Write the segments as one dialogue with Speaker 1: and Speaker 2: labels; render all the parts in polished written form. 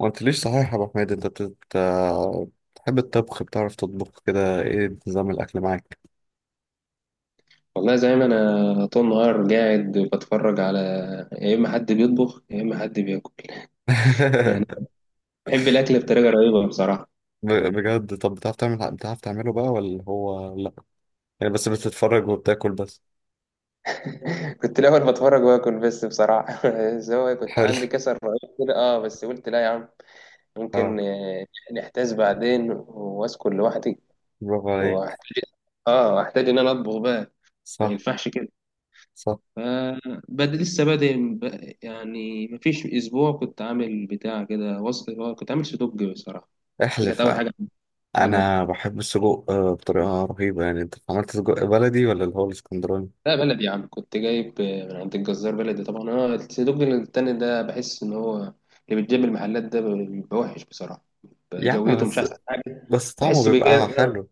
Speaker 1: ما قلتليش صحيح يا ابو حميد انت بتحب الطبخ، بتعرف تطبخ كده؟ ايه نظام الاكل معاك؟
Speaker 2: والله زي ما انا طول النهار قاعد بتفرج على، يا اما حد بيطبخ يا اما حد بياكل يعني بحب الاكل بطريقه رهيبه بصراحه.
Speaker 1: بجد؟ طب بتعرف تعمله بقى ولا هو لا يعني، بس بتتفرج وبتاكل بس؟
Speaker 2: كنت الاول بتفرج واكل بس بصراحه. بس هو كنت
Speaker 1: حلو.
Speaker 2: عندي كسر رهيب كده، اه بس قلت لا يا عم،
Speaker 1: اه،
Speaker 2: ممكن نحتاج بعدين واسكن لوحدي
Speaker 1: برافو عليك.
Speaker 2: واحتاج، اه احتاج ان انا اطبخ بقى، ما
Speaker 1: صح
Speaker 2: ينفعش كده.
Speaker 1: صح،
Speaker 2: فبد لسه بادئ مفيش اسبوع كنت عامل بتاع كده وصفه، كنت عامل سدوج بصراحه. دي كانت
Speaker 1: احلف.
Speaker 2: اول
Speaker 1: آه،
Speaker 2: حاجه. والله
Speaker 1: انا بحب السجق بطريقه رهيبه. يعني انت عملت سجق بلدي ولا اللي هو الاسكندراني؟
Speaker 2: لا، بلدي يا عم، كنت جايب من عند الجزار بلدي طبعا. انا الصندوق التاني ده بحس ان هو اللي بيتجاب المحلات ده بيبقى وحش بصراحه،
Speaker 1: يا عم
Speaker 2: جودته مش
Speaker 1: بس،
Speaker 2: احسن حاجه.
Speaker 1: بس طعمه
Speaker 2: بحسه بيجار
Speaker 1: بيبقى
Speaker 2: آه.
Speaker 1: حلو.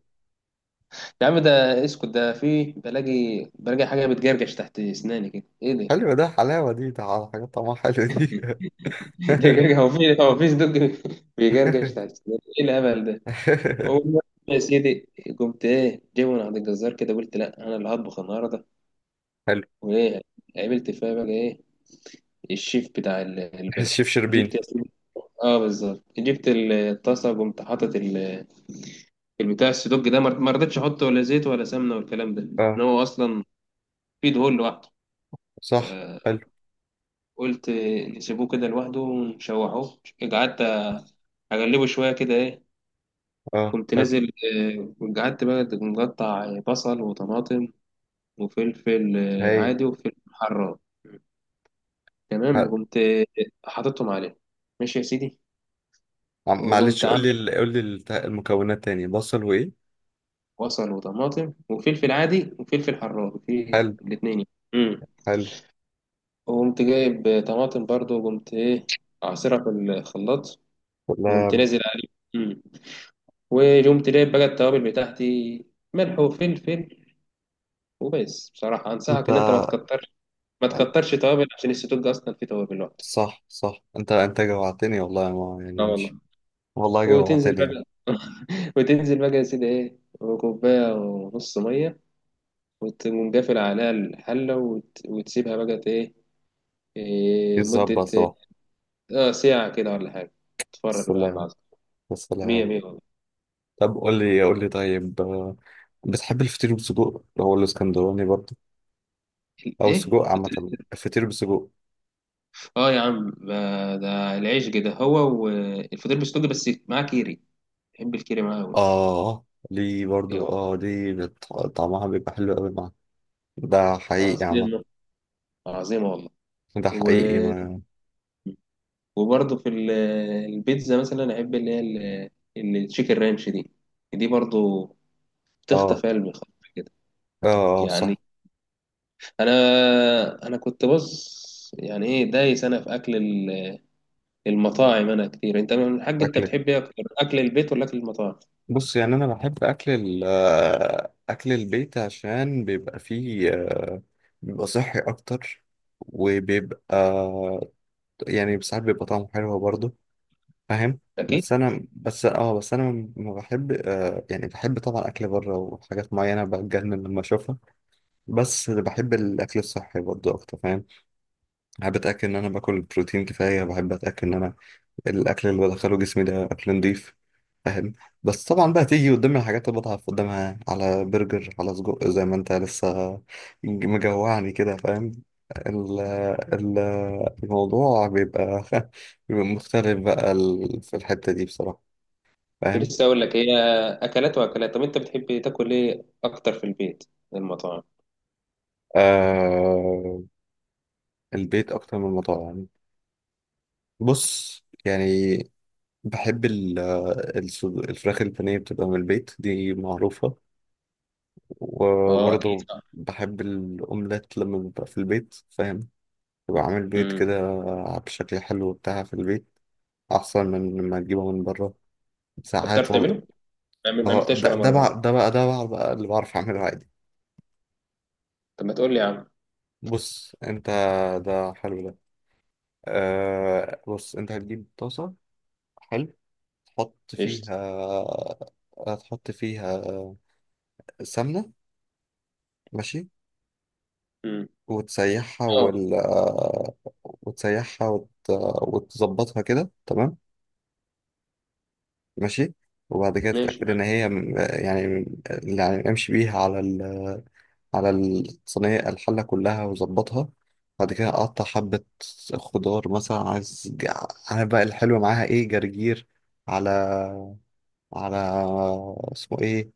Speaker 2: يا عم ده اسكت، ده في بلاقي، بلاقي حاجه بتجرجش تحت اسناني كده، ايه ده؟
Speaker 1: حلو ده، حلاوه دي، ده حاجات طعمها حلو دي.
Speaker 2: ده جرجع، هو في صندوق بيجرجش تحت اسناني، ايه الهبل ده؟ والله يا سيدي، قمت ايه جايبه من عند الجزار كده، قلت لا انا اللي هطبخ النهارده.
Speaker 1: حلو.
Speaker 2: وايه، عملت فيها بقى ايه، الشيف بتاع البلد.
Speaker 1: الشيف شربين.
Speaker 2: جبت، اه بالظبط، جبت الطاسه وقمت حاطط البتاع السدوج ده، ما رضيتش احط ولا زيت ولا سمنه والكلام ده، ان
Speaker 1: اه،
Speaker 2: هو اصلا في دهون لوحده.
Speaker 1: صح.
Speaker 2: آه،
Speaker 1: حلو.
Speaker 2: قلت نسيبوه كده لوحده ونشوحوه. قعدت اقلبه شويه كده ايه،
Speaker 1: اه،
Speaker 2: كنت
Speaker 1: حلو.
Speaker 2: نازل. قعدت بقى مقطع بصل وطماطم وفلفل
Speaker 1: هايل.
Speaker 2: عادي، وفلفل حراق. تمام
Speaker 1: حلو.
Speaker 2: وقمت حاططهم عليه، ماشي يا سيدي.
Speaker 1: عم-
Speaker 2: وقمت
Speaker 1: معلش قول لي ال- قول لي المكونات تاني، بصل وايه؟
Speaker 2: بصل وطماطم وفلفل عادي وفلفل حراق في
Speaker 1: حلو.
Speaker 2: الاتنين يعني. امم
Speaker 1: حلو.
Speaker 2: وقمت جايب طماطم برضو، وقمت ايه، عصيرها في الخلاط، وقمت
Speaker 1: والله.
Speaker 2: نازل عليه. امم وقمت جايب بقى التوابل بتاعتي، ملح وفلفل وبس. بصراحة
Speaker 1: انت.
Speaker 2: أنصحك إن أنت ما تكترش توابل، عشان السدوج أصلا فيه توابل لوحده.
Speaker 1: صح صح، انت
Speaker 2: مم.
Speaker 1: انت جوعتني والله، ما يعني
Speaker 2: اه
Speaker 1: مش،
Speaker 2: والله.
Speaker 1: والله
Speaker 2: وتنزل
Speaker 1: جوعتني يعني.
Speaker 2: بقى وتنزل بقى يا سيدي ايه، وكوباية ونص مية، وتقوم قافل عليها الحلة وتسيبها بقى ايه، مدة
Speaker 1: يتظبط لوحده.
Speaker 2: اه ساعة كده ولا حاجة، اتفرج بقى على
Speaker 1: السلام،
Speaker 2: العظمة. مية
Speaker 1: السلام.
Speaker 2: مية والله.
Speaker 1: طب قول لي، بتحب الفطير بالسجق، هو الاسكندراني برضه او
Speaker 2: ايه
Speaker 1: السجق
Speaker 2: فطير،
Speaker 1: عامة، الفطير بالسجق؟
Speaker 2: اه يا عم ده، ده العيش كده هو، والفطير بالسجق بس معاه كيري، بحب الكيري معاه قوي.
Speaker 1: اه، دي
Speaker 2: ايه
Speaker 1: برضه،
Speaker 2: والله،
Speaker 1: اه دي طعمها بيبقى حلو قوي. ده حقيقي يا عم.
Speaker 2: عظيمة، عظيمة والله.
Speaker 1: ده
Speaker 2: و...
Speaker 1: حقيقي ما.
Speaker 2: وبرضه في البيتزا مثلا، احب اللي هي التشيكن رانش دي، دي برضه
Speaker 1: اه،
Speaker 2: بتخطف قلبي خالص كده
Speaker 1: اه.
Speaker 2: يعني.
Speaker 1: صح.
Speaker 2: انا انا كنت بص يعني، ايه دايس انا في اكل المطاعم انا كتير. انت من الحاج، انت
Speaker 1: اكل،
Speaker 2: بتحب ايه اكتر، اكل البيت ولا اكل المطاعم؟
Speaker 1: بص يعني انا بحب اكل ال آه، اكل البيت، عشان بيبقى فيه، بيبقى صحي اكتر، وبيبقى يعني ساعات بيبقى طعمه حلو برضه. فاهم؟
Speaker 2: اكيد.
Speaker 1: بس انا ما بحب، يعني بحب طبعا اكل بره وحاجات معينه بتجنن لما اشوفها، بس بحب الاكل الصحي برضه اكتر. فاهم؟ بحب اتاكد ان انا باكل بروتين كفايه، بحب اتاكد ان انا الاكل اللي بدخله جسمي ده اكل نضيف. فاهم؟ بس طبعا بقى تيجي قدامي الحاجات اللي بضعف قدامها، على برجر، على سجق، زي ما انت لسه مجوعني كده. فاهم؟ ال- ال- الموضوع بيبقى، بيبقى مختلف بقى في الحتة دي بصراحة.
Speaker 2: كنت
Speaker 1: فاهم؟
Speaker 2: لسه اقول لك، هي اكلات واكلات. طب انت بتحب تاكل ايه اكتر، في البيت ولا المطاعم؟
Speaker 1: آه، البيت أكتر من المطاعم. بص يعني، بحب الفراخ البانيه بتبقى من البيت، دي معروفة.
Speaker 2: اه اكيد
Speaker 1: وبرضه
Speaker 2: صح.
Speaker 1: بحب الأومليت لما ببقى في البيت. فاهم؟ ببقى عامل بيض
Speaker 2: امم.
Speaker 1: كده بشكل حلو بتاع في البيت، أحسن من لما أجيبه من بره
Speaker 2: طب بتعرف
Speaker 1: ساعات
Speaker 2: تعمله؟
Speaker 1: والله.
Speaker 2: ما
Speaker 1: اه،
Speaker 2: عملتهاش
Speaker 1: ده
Speaker 2: ولا
Speaker 1: ده
Speaker 2: مره؟
Speaker 1: بقى، ده بقى اللي بعرف أعمله عادي.
Speaker 2: طب ما تقول لي يا عم.
Speaker 1: بص أنت، ده حلو ده. آه، بص أنت هتجيب طاسة. حلو. تحط
Speaker 2: قشطه.
Speaker 1: فيها، هتحط فيها سمنة. ماشي.
Speaker 2: امم.
Speaker 1: وتسيحها،
Speaker 2: اه
Speaker 1: وال... وتسيحها وت... وتظبطها كده تمام. ماشي. وبعد كده
Speaker 2: ماشي.
Speaker 1: تتأكد إن هي يعني امشي بيها على ال، على الصينية الحلة كلها وظبطها. بعد كده أقطع حبة خضار مثلا، عايز أنا بقى الحلو معاها إيه؟ جرجير، على، على، اسمه إيه،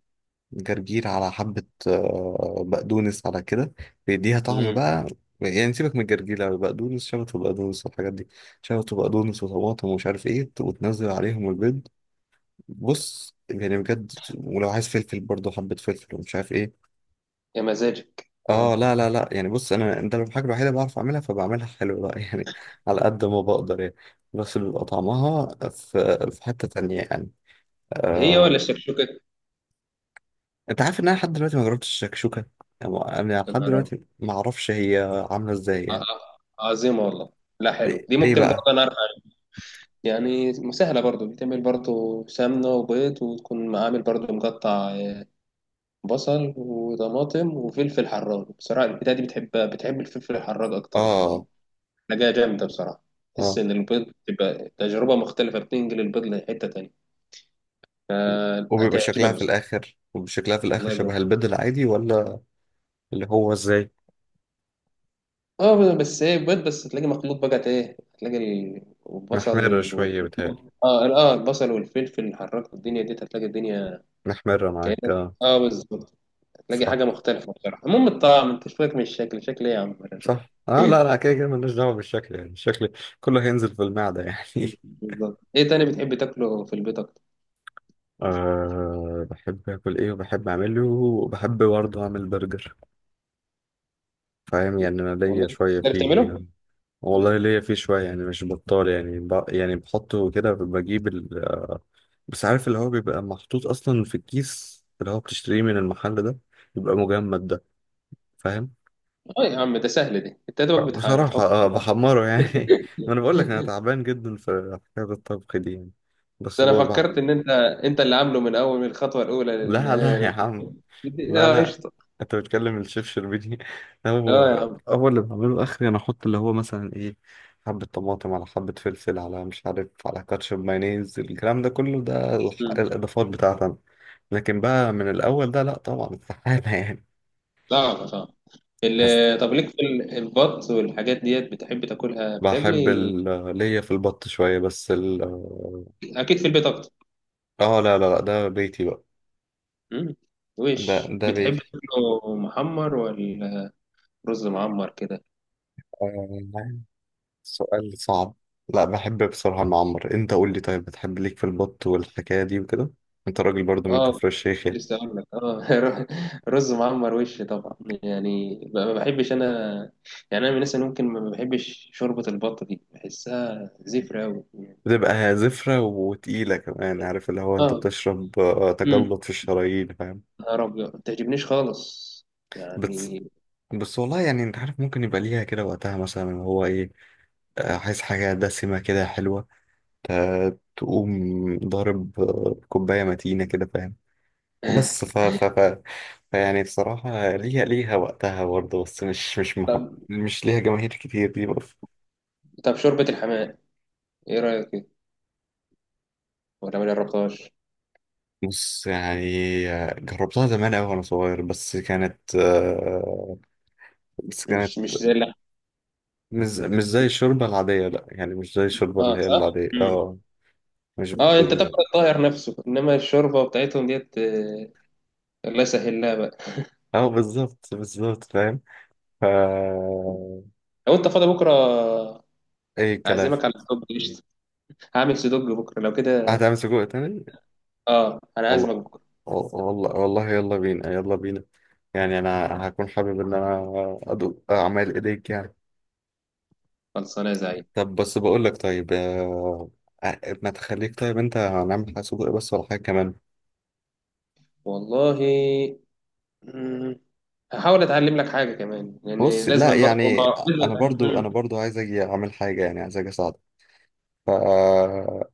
Speaker 1: جرجير، على حبة بقدونس، على كده بيديها طعم
Speaker 2: امم.
Speaker 1: بقى. يعني سيبك من الجرجير، لا بقدونس شبت وبقدونس والحاجات دي، شبت وبقدونس وطماطم ومش عارف إيه، وتنزل عليهم البيض. بص يعني بجد. ولو عايز فلفل برضه حبة فلفل، ومش عارف ايه.
Speaker 2: يا مزاجك
Speaker 1: اه
Speaker 2: اه.
Speaker 1: لا لا لا، يعني بص انا ده الحاجة الوحيدة اللي بعرف اعملها، فبعملها حلو بقى يعني، على قد ما بقدر يعني. بس بيبقى طعمها في حتة تانية يعني.
Speaker 2: هي
Speaker 1: آه.
Speaker 2: ولا الشكشوكه؟
Speaker 1: انت عارف ان انا لحد دلوقتي ما جربتش الشكشوكة؟ يعني انا
Speaker 2: يا
Speaker 1: لحد
Speaker 2: نهار أبيض.
Speaker 1: دلوقتي ما اعرفش هي عاملة ازاي
Speaker 2: آه،
Speaker 1: يعني.
Speaker 2: عظيمه والله. لا حلو،
Speaker 1: ايه؟
Speaker 2: دي
Speaker 1: إيه
Speaker 2: ممكن برضه
Speaker 1: بقى؟
Speaker 2: انا أعرف عنها. يعني سهلة، برضو بتعمل برضو سمنة وبيض، وتكون عامل برضو مقطع بصل وطماطم وفلفل حراج. بصراحة البتاعة دي بتحب الفلفل الحراج أكتر يعني،
Speaker 1: اه،
Speaker 2: حاجة جامدة بصراحة. تحس
Speaker 1: اه.
Speaker 2: إن البيض بتبقى تجربة مختلفة، بتنقل البيض لحتة تانية.
Speaker 1: وبيبقى
Speaker 2: هتعجبك
Speaker 1: شكلها في
Speaker 2: بصراحة،
Speaker 1: الاخر، وشكلها في الاخر
Speaker 2: والله
Speaker 1: شبه
Speaker 2: بجد.
Speaker 1: البيض العادي ولا؟ اللي هو ازاي؟
Speaker 2: اه بس ايه، بيض بس تلاقي مخلوط بقى ايه، هتلاقي البصل
Speaker 1: محمرة
Speaker 2: وال
Speaker 1: شوية بتهيألي.
Speaker 2: اه البصل والفلفل الحراج، الدنيا دي، هتلاقي الدنيا
Speaker 1: محمرة معاك،
Speaker 2: كأنك،
Speaker 1: اه.
Speaker 2: اه بالظبط، هتلاقي
Speaker 1: صح،
Speaker 2: حاجة مختلفة بصراحة. المهم الطعم، انت شوية من الشكل، شكل ايه يا عم!
Speaker 1: صح. اه لا لا، كده كده ملناش دعوه بالشكل، يعني الشكل كله هينزل في المعده يعني.
Speaker 2: بالظبط. ايه تاني بتحب تاكله في البيض؟
Speaker 1: أه، بحب اكل ايه، وبحب اعمله، وبحب برضه اعمل برجر. فاهم؟ يعني انا
Speaker 2: والله.
Speaker 1: ليا شويه
Speaker 2: تقدر
Speaker 1: فيه.
Speaker 2: تعمله؟
Speaker 1: والله ليا فيه شويه، يعني مش بطال يعني، ب... يعني بحطه كده، بجيب ال... بس عارف اللي هو بيبقى محطوط اصلا في الكيس، اللي هو بتشتريه من المحل ده، بيبقى مجمد ده. فاهم؟
Speaker 2: اه يا عم ده سهل دي، انت يا دوبك
Speaker 1: بصراحه
Speaker 2: بتحط
Speaker 1: اه،
Speaker 2: على النار.
Speaker 1: بحمره يعني. ما انا بقول لك انا تعبان جدا في حكايه الطبخ دي يعني. بس
Speaker 2: ده انا
Speaker 1: بابا.
Speaker 2: فكرت ان انت اللي عامله من اول، من الخطوه الاولى
Speaker 1: لا
Speaker 2: للنهايه
Speaker 1: لا يا
Speaker 2: يعني.
Speaker 1: عم، لا
Speaker 2: اه
Speaker 1: لا.
Speaker 2: قشطه.
Speaker 1: انت بتكلم الشيف شربيني. هو،
Speaker 2: اه يا عم.
Speaker 1: هو اللي بعمله اخري، انا احط اللي هو مثلا ايه، حبة طماطم، على حبة فلفل، على مش عارف، على كاتشب مايونيز، الكلام ده كله، ده
Speaker 2: مم.
Speaker 1: الاضافات بتاعتي انا. لكن بقى من الاول ده، لا طبعا، استحالة يعني.
Speaker 2: صعب.
Speaker 1: بس
Speaker 2: طب ليك في البط والحاجات ديت، بتحب تاكلها
Speaker 1: بحب
Speaker 2: بتاكلي؟
Speaker 1: ليا في البط شوية، بس ال،
Speaker 2: اكيد في البيت اكتر.
Speaker 1: اه لا لا لا، ده بيتي بقى.
Speaker 2: مم.
Speaker 1: ده
Speaker 2: وش
Speaker 1: ده
Speaker 2: بتحب
Speaker 1: بيتي.
Speaker 2: تاكله محمر، ولا رز معمر كده؟
Speaker 1: آه، سؤال صعب. لا بحب بصراحة المعمر. انت قول لي طيب، بتحب ليك في البط والحكاية دي وكده؟ انت راجل برضو من
Speaker 2: اه
Speaker 1: كفر الشيخ يعني.
Speaker 2: لسه اقول لك اه. رز معمر وش طبعا، يعني ما بحبش انا. يعني انا من الناس اللي ممكن ما بحبش شوربه البط دي، بحسها زفره قوي يعني.
Speaker 1: بتبقى زفرة وتقيلة كمان، عارف اللي هو، انت
Speaker 2: اه.
Speaker 1: بتشرب
Speaker 2: امم.
Speaker 1: تجلط في الشرايين. فاهم؟
Speaker 2: نهار ابيض، ما بتعجبنيش خالص
Speaker 1: بس،
Speaker 2: يعني.
Speaker 1: بس والله يعني، انت عارف ممكن يبقى ليها كده وقتها مثلا، اللي هو ايه، عايز حاجة دسمة كده حلوة، تقوم ضارب، كوباية متينة كده. فاهم؟ بس ف ف ف فيعني بصراحة، ليها، ليها وقتها برضه، بس مش مش مح...
Speaker 2: طب،
Speaker 1: مش ليها جماهير كتير دي برضه.
Speaker 2: طب شوربه الحمام ايه رايك فيها؟ ولا ما جربتهاش؟
Speaker 1: بص يعني، جربتها زمان أوي وأنا صغير، بس كانت بس كانت،
Speaker 2: مش مش زي اللحم.
Speaker 1: مش مش زي الشوربة العادية، لأ يعني، مش زي الشوربة اللي
Speaker 2: اه
Speaker 1: هي
Speaker 2: صح.
Speaker 1: العادية
Speaker 2: امم.
Speaker 1: اه. مش
Speaker 2: اه انت تاكل
Speaker 1: بال...
Speaker 2: الطاهر نفسه، انما الشوربه بتاعتهم ديت الله يسهل لها بقى.
Speaker 1: اه بالظبط، بالظبط. فاهم؟ ف،
Speaker 2: لو انت فاضي بكره،
Speaker 1: أي كلام.
Speaker 2: اعزمك على الطب، هعمل سدوج بكرة لو كده.
Speaker 1: هتعمل سجق تاني؟
Speaker 2: اه انا عازمك
Speaker 1: والله،
Speaker 2: بكرة.
Speaker 1: والله والله، يلا بينا يلا بينا. يعني انا هكون حابب ان انا ادوق اعمال ايديك يعني.
Speaker 2: خلصانة يا زعيم.
Speaker 1: طب بس بقول لك، ما تخليك طيب، انت هنعمل حاجه سجق بس ولا حاجه كمان؟
Speaker 2: والله. مم، هحاول اتعلم لك حاجة كمان، لان
Speaker 1: بص لا
Speaker 2: لازم برضه،
Speaker 1: يعني،
Speaker 2: ما لازم
Speaker 1: انا
Speaker 2: اتعلم.
Speaker 1: برضو انا برضو عايز اجي اعمل حاجه، يعني عايز اجي اساعدك. ف آه،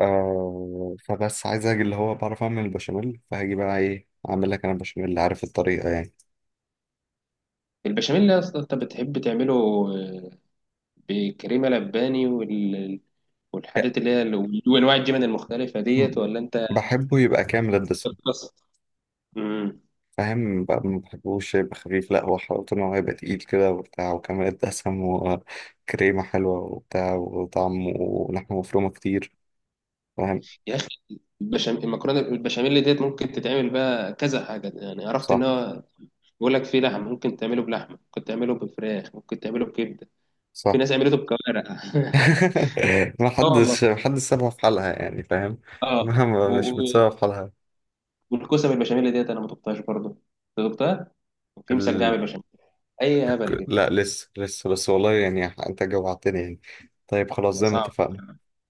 Speaker 1: آه، فبس عايز اجي اللي هو بعرف اعمل البشاميل، فهاجي بقى ايه اعمل لك انا البشاميل اللي عارف الطريقه يعني.
Speaker 2: البشاميل يا اسطى، انت بتحب تعمله آه، بكريمة لباني والحاجات اللي هي وانواع الجبن المختلفة ديت، ولا انت
Speaker 1: بحبه يبقى كامل الدسم.
Speaker 2: بتقصد؟ مم.
Speaker 1: فاهم بقى؟ ما بحبوش يبقى خفيف، لا، هو حلاوته ان هو يبقى تقيل كده وبتاع، وكمان الدسم وكريمة حلوة وبتاع وطعم ولحمة مفرومة كتير. فاهم؟
Speaker 2: يا اخي البشاميل المكرونة، البشاميل ديت ممكن تتعمل بقى كذا حاجة يعني، عرفت
Speaker 1: صح،
Speaker 2: ان هو بيقول لك فيه لحم، ممكن تعمله بلحمة، ممكن تعمله بفراخ، ممكن تعمله بكبدة، في
Speaker 1: صح.
Speaker 2: ناس عملته بكوارع.
Speaker 1: ما
Speaker 2: اه والله.
Speaker 1: حدش، ما حدش سابها في حالها يعني. فاهم؟
Speaker 2: اه و-
Speaker 1: مهما مش
Speaker 2: و-
Speaker 1: بتسابها في حالها.
Speaker 2: والكوسه بالبشاميل ديت انا ما دقتهاش برضه، أنت دقتها؟ وفي مسجعه
Speaker 1: ال...
Speaker 2: بالبشاميل، اي هبل كده.
Speaker 1: لا لسه لسه، بس والله يعني، انت جوعتني يعني. طيب خلاص زي ما
Speaker 2: صعب.
Speaker 1: اتفقنا،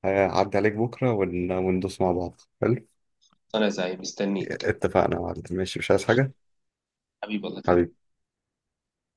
Speaker 1: هعدي عليك بكرة ون... وندوس مع بعض. حلو.
Speaker 2: انا زي مستنيك.
Speaker 1: اتفقنا يا معلم، ماشي، مش عايز حاجة.
Speaker 2: حبيبي والله.
Speaker 1: حبيبي.